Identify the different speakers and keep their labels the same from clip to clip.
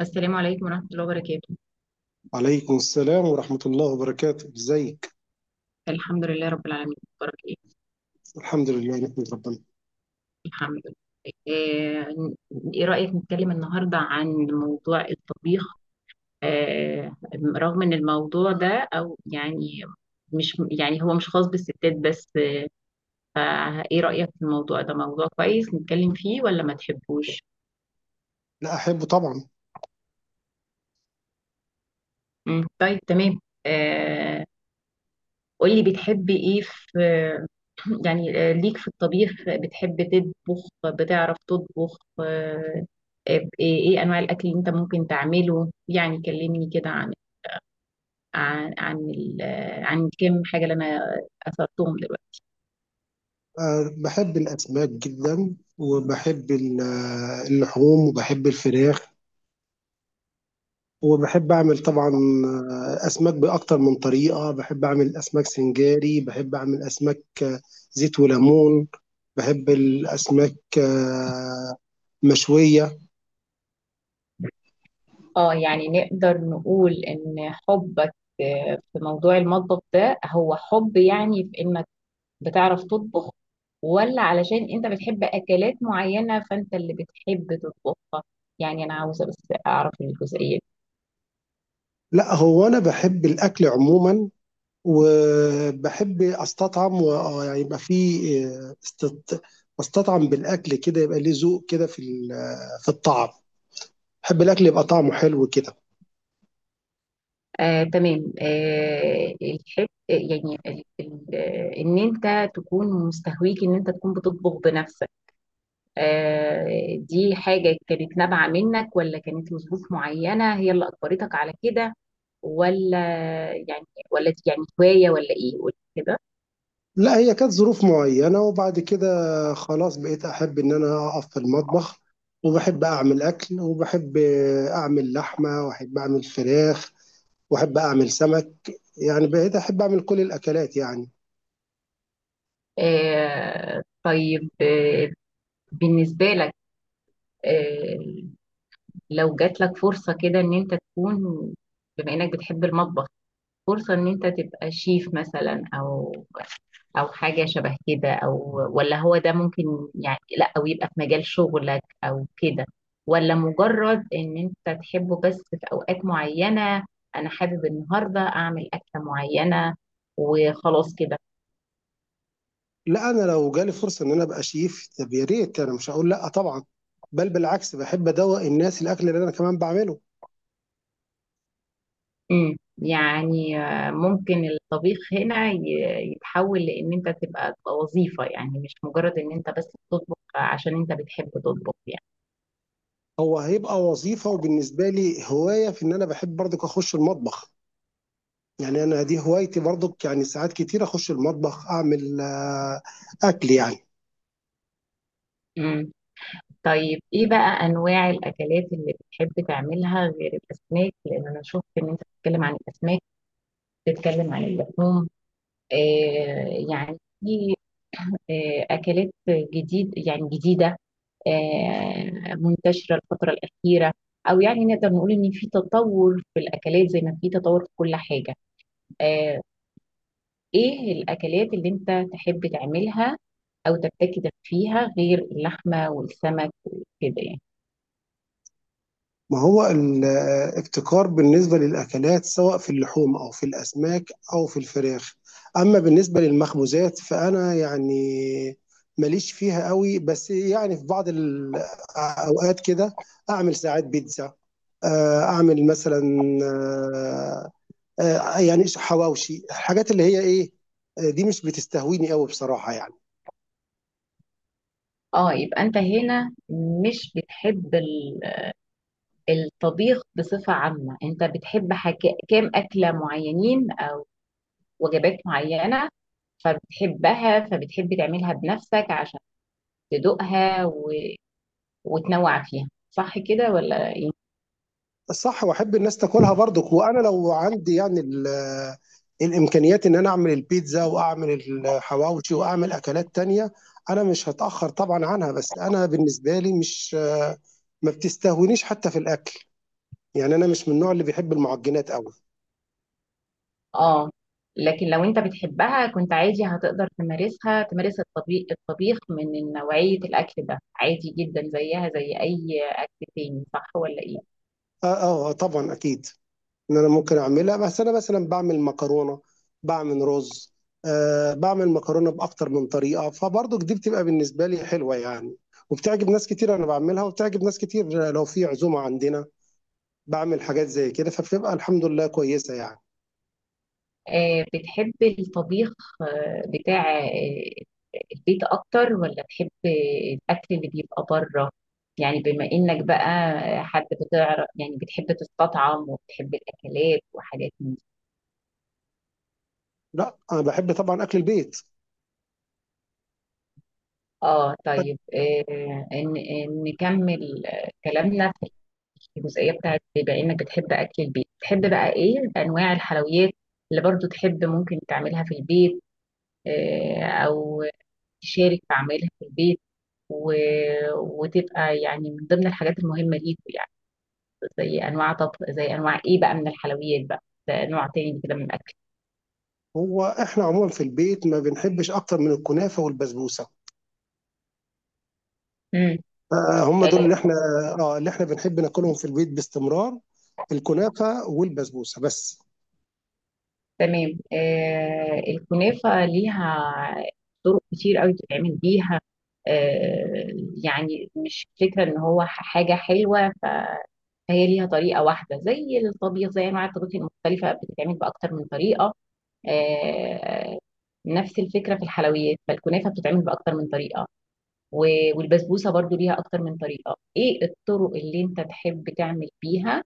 Speaker 1: السلام عليكم ورحمة الله وبركاته.
Speaker 2: وعليكم السلام ورحمة الله وبركاته، ازيك؟
Speaker 1: الحمد لله رب العالمين. بارك ايه.
Speaker 2: الحمد لله نحمد ربنا.
Speaker 1: الحمد لله. آه، ايه رأيك نتكلم النهاردة عن موضوع الطبيخ؟ آه، رغم ان الموضوع ده او يعني مش يعني هو مش خاص بالستات بس. ايه رأيك في الموضوع ده، موضوع كويس نتكلم فيه ولا ما تحبوش؟
Speaker 2: لا أحبه طبعا.
Speaker 1: مم، طيب، تمام. آه، قولي بتحبي ايه في. يعني ليك في الطبيخ؟ بتحب تطبخ؟ بتعرف تطبخ؟ ايه انواع الاكل اللي انت ممكن تعمله؟ يعني كلمني كده عن عن كم حاجة اللي انا اثرتهم دلوقتي.
Speaker 2: أه، بحب الأسماك جدا، وبحب اللحوم، وبحب الفراخ، وبحب أعمل طبعا أسماك بأكتر من طريقة. بحب أعمل أسماك سنجاري، بحب أعمل أسماك زيت وليمون. بحب الأسماك مشوية.
Speaker 1: اه يعني نقدر نقول ان حبك في موضوع المطبخ ده، هو حب يعني في انك بتعرف تطبخ، ولا علشان انت بتحب اكلات معينة فانت اللي بتحب تطبخها؟ يعني انا عاوزة بس اعرف الجزئية دي.
Speaker 2: لا، هو أنا بحب الأكل عموما، وبحب استطعم، و يعني يبقى في آه، استط... بستطعم بالاكل كده، يبقى ليه ذوق كده في في الطعم. بحب الاكل يبقى طعمه حلو كده.
Speaker 1: تمام. الحب يعني ان انت تكون مستهويك ان انت تكون بتطبخ بنفسك. دي حاجة كانت نابعة منك ولا كانت لظروف معينة هي اللي اجبرتك على كده؟ ولا يعني، ولا دي يعني هواية ولا ايه؟ قولي كده.
Speaker 2: لا، هي كانت ظروف معينه، وبعد كده خلاص بقيت احب ان انا اقف في المطبخ، وبحب اعمل اكل، وبحب اعمل لحمه، واحب اعمل فراخ، واحب اعمل سمك. يعني بقيت احب اعمل كل الاكلات يعني.
Speaker 1: طيب، بالنسبة لك، آه، لو جات لك فرصة كده ان انت تكون، بما انك بتحب المطبخ، فرصة ان انت تبقى شيف مثلا او حاجة شبه كده، او ولا هو ده ممكن يعني، لا او يبقى في مجال شغلك او كده، ولا مجرد ان انت تحبه بس في اوقات معينة، انا حابب النهاردة اعمل اكلة معينة وخلاص كده؟
Speaker 2: لا، انا لو جالي فرصه ان انا ابقى شيف، طب يا ريت، انا مش هقول لا طبعا، بل بالعكس بحب ادوق الناس الاكل اللي انا كمان بعمله.
Speaker 1: يعني ممكن الطبيخ هنا يتحول لان انت تبقى وظيفة، يعني مش مجرد ان انت بس بتطبخ عشان انت بتحب تطبخ يعني.
Speaker 2: هيبقى وظيفه، وبالنسبه لي هوايه، في ان انا بحب برضك اخش المطبخ. يعني انا دي هوايتي برضك، يعني ساعات كتير اخش المطبخ اعمل اكل يعني.
Speaker 1: امم، طيب، ايه بقى انواع الاكلات اللي بتحب تعملها غير الاسماك، لان انا شفت ان انت بتتكلم عن الاسماك، بتتكلم عن اللحوم. يعني في اكلات جديد، يعني جديدة، منتشرة الفترة الأخيرة، أو يعني نقدر نقول إن في تطور في الأكلات زي ما في تطور في كل حاجة. آه، إيه الأكلات اللي أنت تحب تعملها أو تبتكر فيها غير اللحمة والسمك وكده يعني؟
Speaker 2: ما هو الابتكار بالنسبة للأكلات، سواء في اللحوم أو في الأسماك أو في الفراخ. أما بالنسبة للمخبوزات فأنا يعني ماليش فيها قوي، بس يعني في بعض الأوقات كده أعمل ساعات بيتزا، أعمل مثلا آه، يعني حواوشي، الحاجات اللي هي إيه، دي مش بتستهويني قوي بصراحة يعني.
Speaker 1: اه، يبقى انت هنا مش بتحب الطبيخ بصفة عامة، انت بتحب حاجة، كام أكلة معينين أو وجبات معينة، فبتحبها فبتحب تعملها بنفسك عشان تدوقها وتنوع فيها، صح كده ولا ايه؟
Speaker 2: صح، واحب الناس تاكلها برضك. وانا لو عندي يعني الامكانيات ان انا اعمل البيتزا واعمل الحواوشي واعمل اكلات تانية، انا مش هتاخر طبعا عنها. بس انا بالنسبه لي مش ما بتستهونيش حتى في الاكل، يعني انا مش من النوع اللي بيحب المعجنات قوي.
Speaker 1: اه، لكن لو انت بتحبها كنت عادي هتقدر تمارسها، تمارس الطبيخ. الطبيخ من نوعية الأكل ده عادي جدا زيها زي أي أكل تاني، صح ولا ايه؟
Speaker 2: طبعا اكيد ان انا ممكن اعملها، بس انا مثلا بعمل مكرونه، بعمل رز، آه بعمل مكرونه باكتر من طريقه، فبرضك دي بتبقى بالنسبه لي حلوه يعني، وبتعجب ناس كتير. انا بعملها وبتعجب ناس كتير. لو في عزومه عندنا بعمل حاجات زي كده، فبتبقى الحمد لله كويسه يعني.
Speaker 1: بتحب الطبيخ بتاع البيت أكتر ولا بتحب الأكل اللي بيبقى بره؟ يعني بما إنك بقى حد بتعرف، يعني بتحب تستطعم وبتحب الأكلات وحاجات من.
Speaker 2: لا، انا بحب طبعا اكل البيت.
Speaker 1: اه، طيب. ان نكمل كلامنا في الجزئيه بتاعت، بما انك بتحب اكل البيت، تحب بقى ايه انواع الحلويات اللي برضو تحب ممكن تعملها في البيت، او تشارك في عملها في البيت، و... وتبقى يعني من ضمن الحاجات المهمه ليكوا، يعني زي انواع طبخ، زي انواع ايه بقى من الحلويات بقى، ده نوع تاني كده من الاكل.
Speaker 2: هو احنا عموما في البيت ما بنحبش اكتر من الكنافه والبسبوسه.
Speaker 1: مم.
Speaker 2: آه، هم دول
Speaker 1: آه،
Speaker 2: اللي احنا، اه، اللي احنا بنحب ناكلهم في البيت باستمرار، الكنافه والبسبوسه بس.
Speaker 1: تمام. الكنافة ليها طرق كتير قوي تتعمل بيها. آه يعني مش فكرة ان هو حاجة حلوة فهي ليها طريقة واحدة، زي الطبيخ، زي انواع الطبيخ المختلفة بتتعمل بأكتر من طريقة. آه نفس الفكرة في الحلويات، فالكنافة بتتعمل بأكتر من طريقة، والبسبوسة برضو ليها أكتر من طريقة. ايه الطرق اللي انت تحب تعمل بيها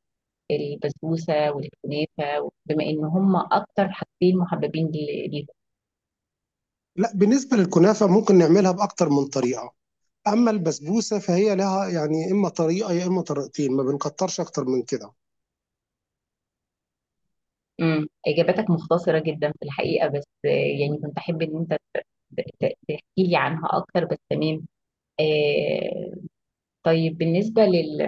Speaker 1: البسبوسه والكنافه، بما ان هم اكتر حاجتين محببين ليهم؟
Speaker 2: لا، بالنسبة للكنافة ممكن نعملها بأكتر من طريقة، أما البسبوسة فهي لها يعني إما طريقة يا إما طريقتين، ما بنكترش أكتر من كده.
Speaker 1: اجاباتك مختصره جدا في الحقيقه، بس يعني كنت احب ان انت تحكي لي عنها اكتر، بس تمام. آه طيب، بالنسبه لل...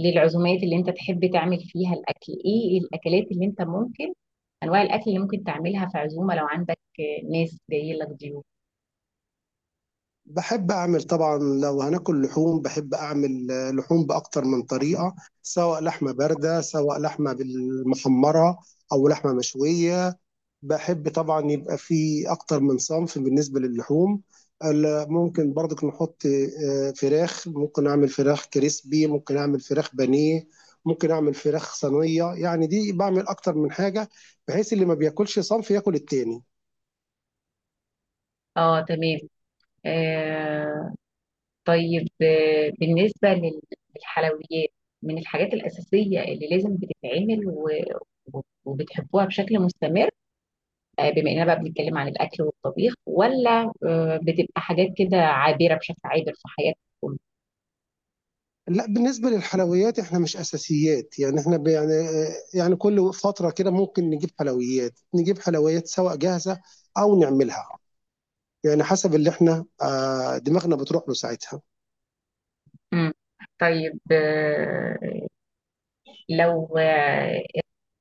Speaker 1: للعزومات اللي انت تحب تعمل فيها الاكل، ايه الاكلات اللي انت ممكن، انواع الاكل اللي ممكن تعملها في عزومه لو عندك ناس جايه لك ضيوف؟
Speaker 2: بحب أعمل طبعا لو هناكل لحوم، بحب أعمل لحوم بأكتر من طريقة، سواء لحمة باردة، سواء لحمة بالمحمرة، أو لحمة مشوية. بحب طبعا يبقى في اكتر من صنف بالنسبه للحوم. ممكن برضك نحط فراخ، ممكن اعمل فراخ كريسبي، ممكن اعمل فراخ بانيه، ممكن اعمل فراخ صينيه. يعني دي بعمل اكتر من حاجه، بحيث اللي ما بياكلش صنف ياكل التاني.
Speaker 1: اه، تمام. آه طيب، بالنسبة للحلويات، من الحاجات الأساسية اللي لازم بتتعمل و... وبتحبوها بشكل مستمر، بما إننا بقى بنتكلم عن الأكل والطبيخ، ولا بتبقى حاجات كده عابرة بشكل عابر في حياتكم؟
Speaker 2: لا، بالنسبه للحلويات احنا مش اساسيات، يعني احنا يعني يعني كل فتره كده ممكن نجيب حلويات، نجيب حلويات سواء جاهزه او نعملها. يعني حسب اللي احنا دماغنا بتروح له ساعتها.
Speaker 1: مم. طيب، لو آه،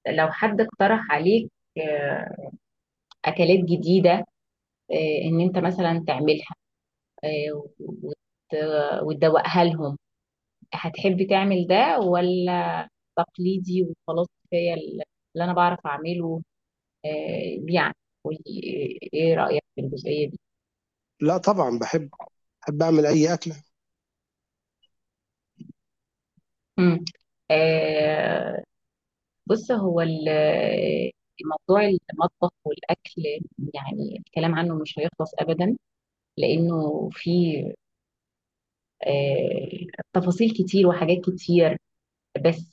Speaker 1: لو حد اقترح عليك آه، أكلات جديدة، إن أنت مثلا تعملها، آه، وت- وتدوقها لهم، هتحب تعمل ده، ولا تقليدي وخلاص، كفايه اللي انا بعرف اعمله؟ يعني قولي ايه رايك في الجزئيه دي.
Speaker 2: لا طبعا بحب، احب اعمل اي اكله.
Speaker 1: مم. آه، بص، هو موضوع المطبخ والاكل، يعني الكلام عنه مش هيخلص ابدا لانه فيه آه، تفاصيل كتير وحاجات كتير، بس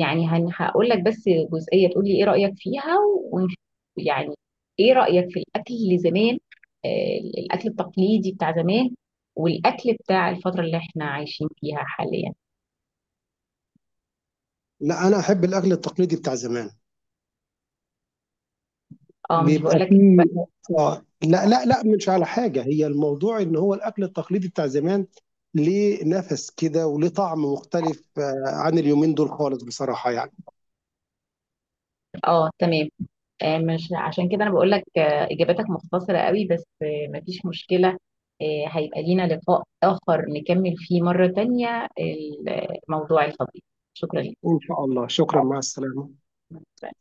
Speaker 1: يعني هقول لك بس جزئية، تقول لي ايه رأيك فيها ونشوف. يعني ايه رأيك في الاكل اللي زمان، الاكل التقليدي بتاع زمان، والاكل بتاع الفترة اللي احنا عايشين فيها حاليا؟
Speaker 2: لا، انا احب الاكل التقليدي بتاع زمان،
Speaker 1: اه، مش بقول
Speaker 2: بيبقى
Speaker 1: لك.
Speaker 2: فيه، اه لا مش على حاجه. هي الموضوع ان هو الاكل التقليدي بتاع زمان ليه نفس كده وليه طعم مختلف عن اليومين دول خالص بصراحه يعني.
Speaker 1: اه، تمام. مش عشان كده انا بقول لك اجاباتك مختصرة قوي، بس مفيش مشكلة، هيبقى لينا لقاء آخر نكمل فيه مرة تانية الموضوع الفضيل. شكرا
Speaker 2: ان شاء الله، شكرا، مع السلامه.
Speaker 1: لك.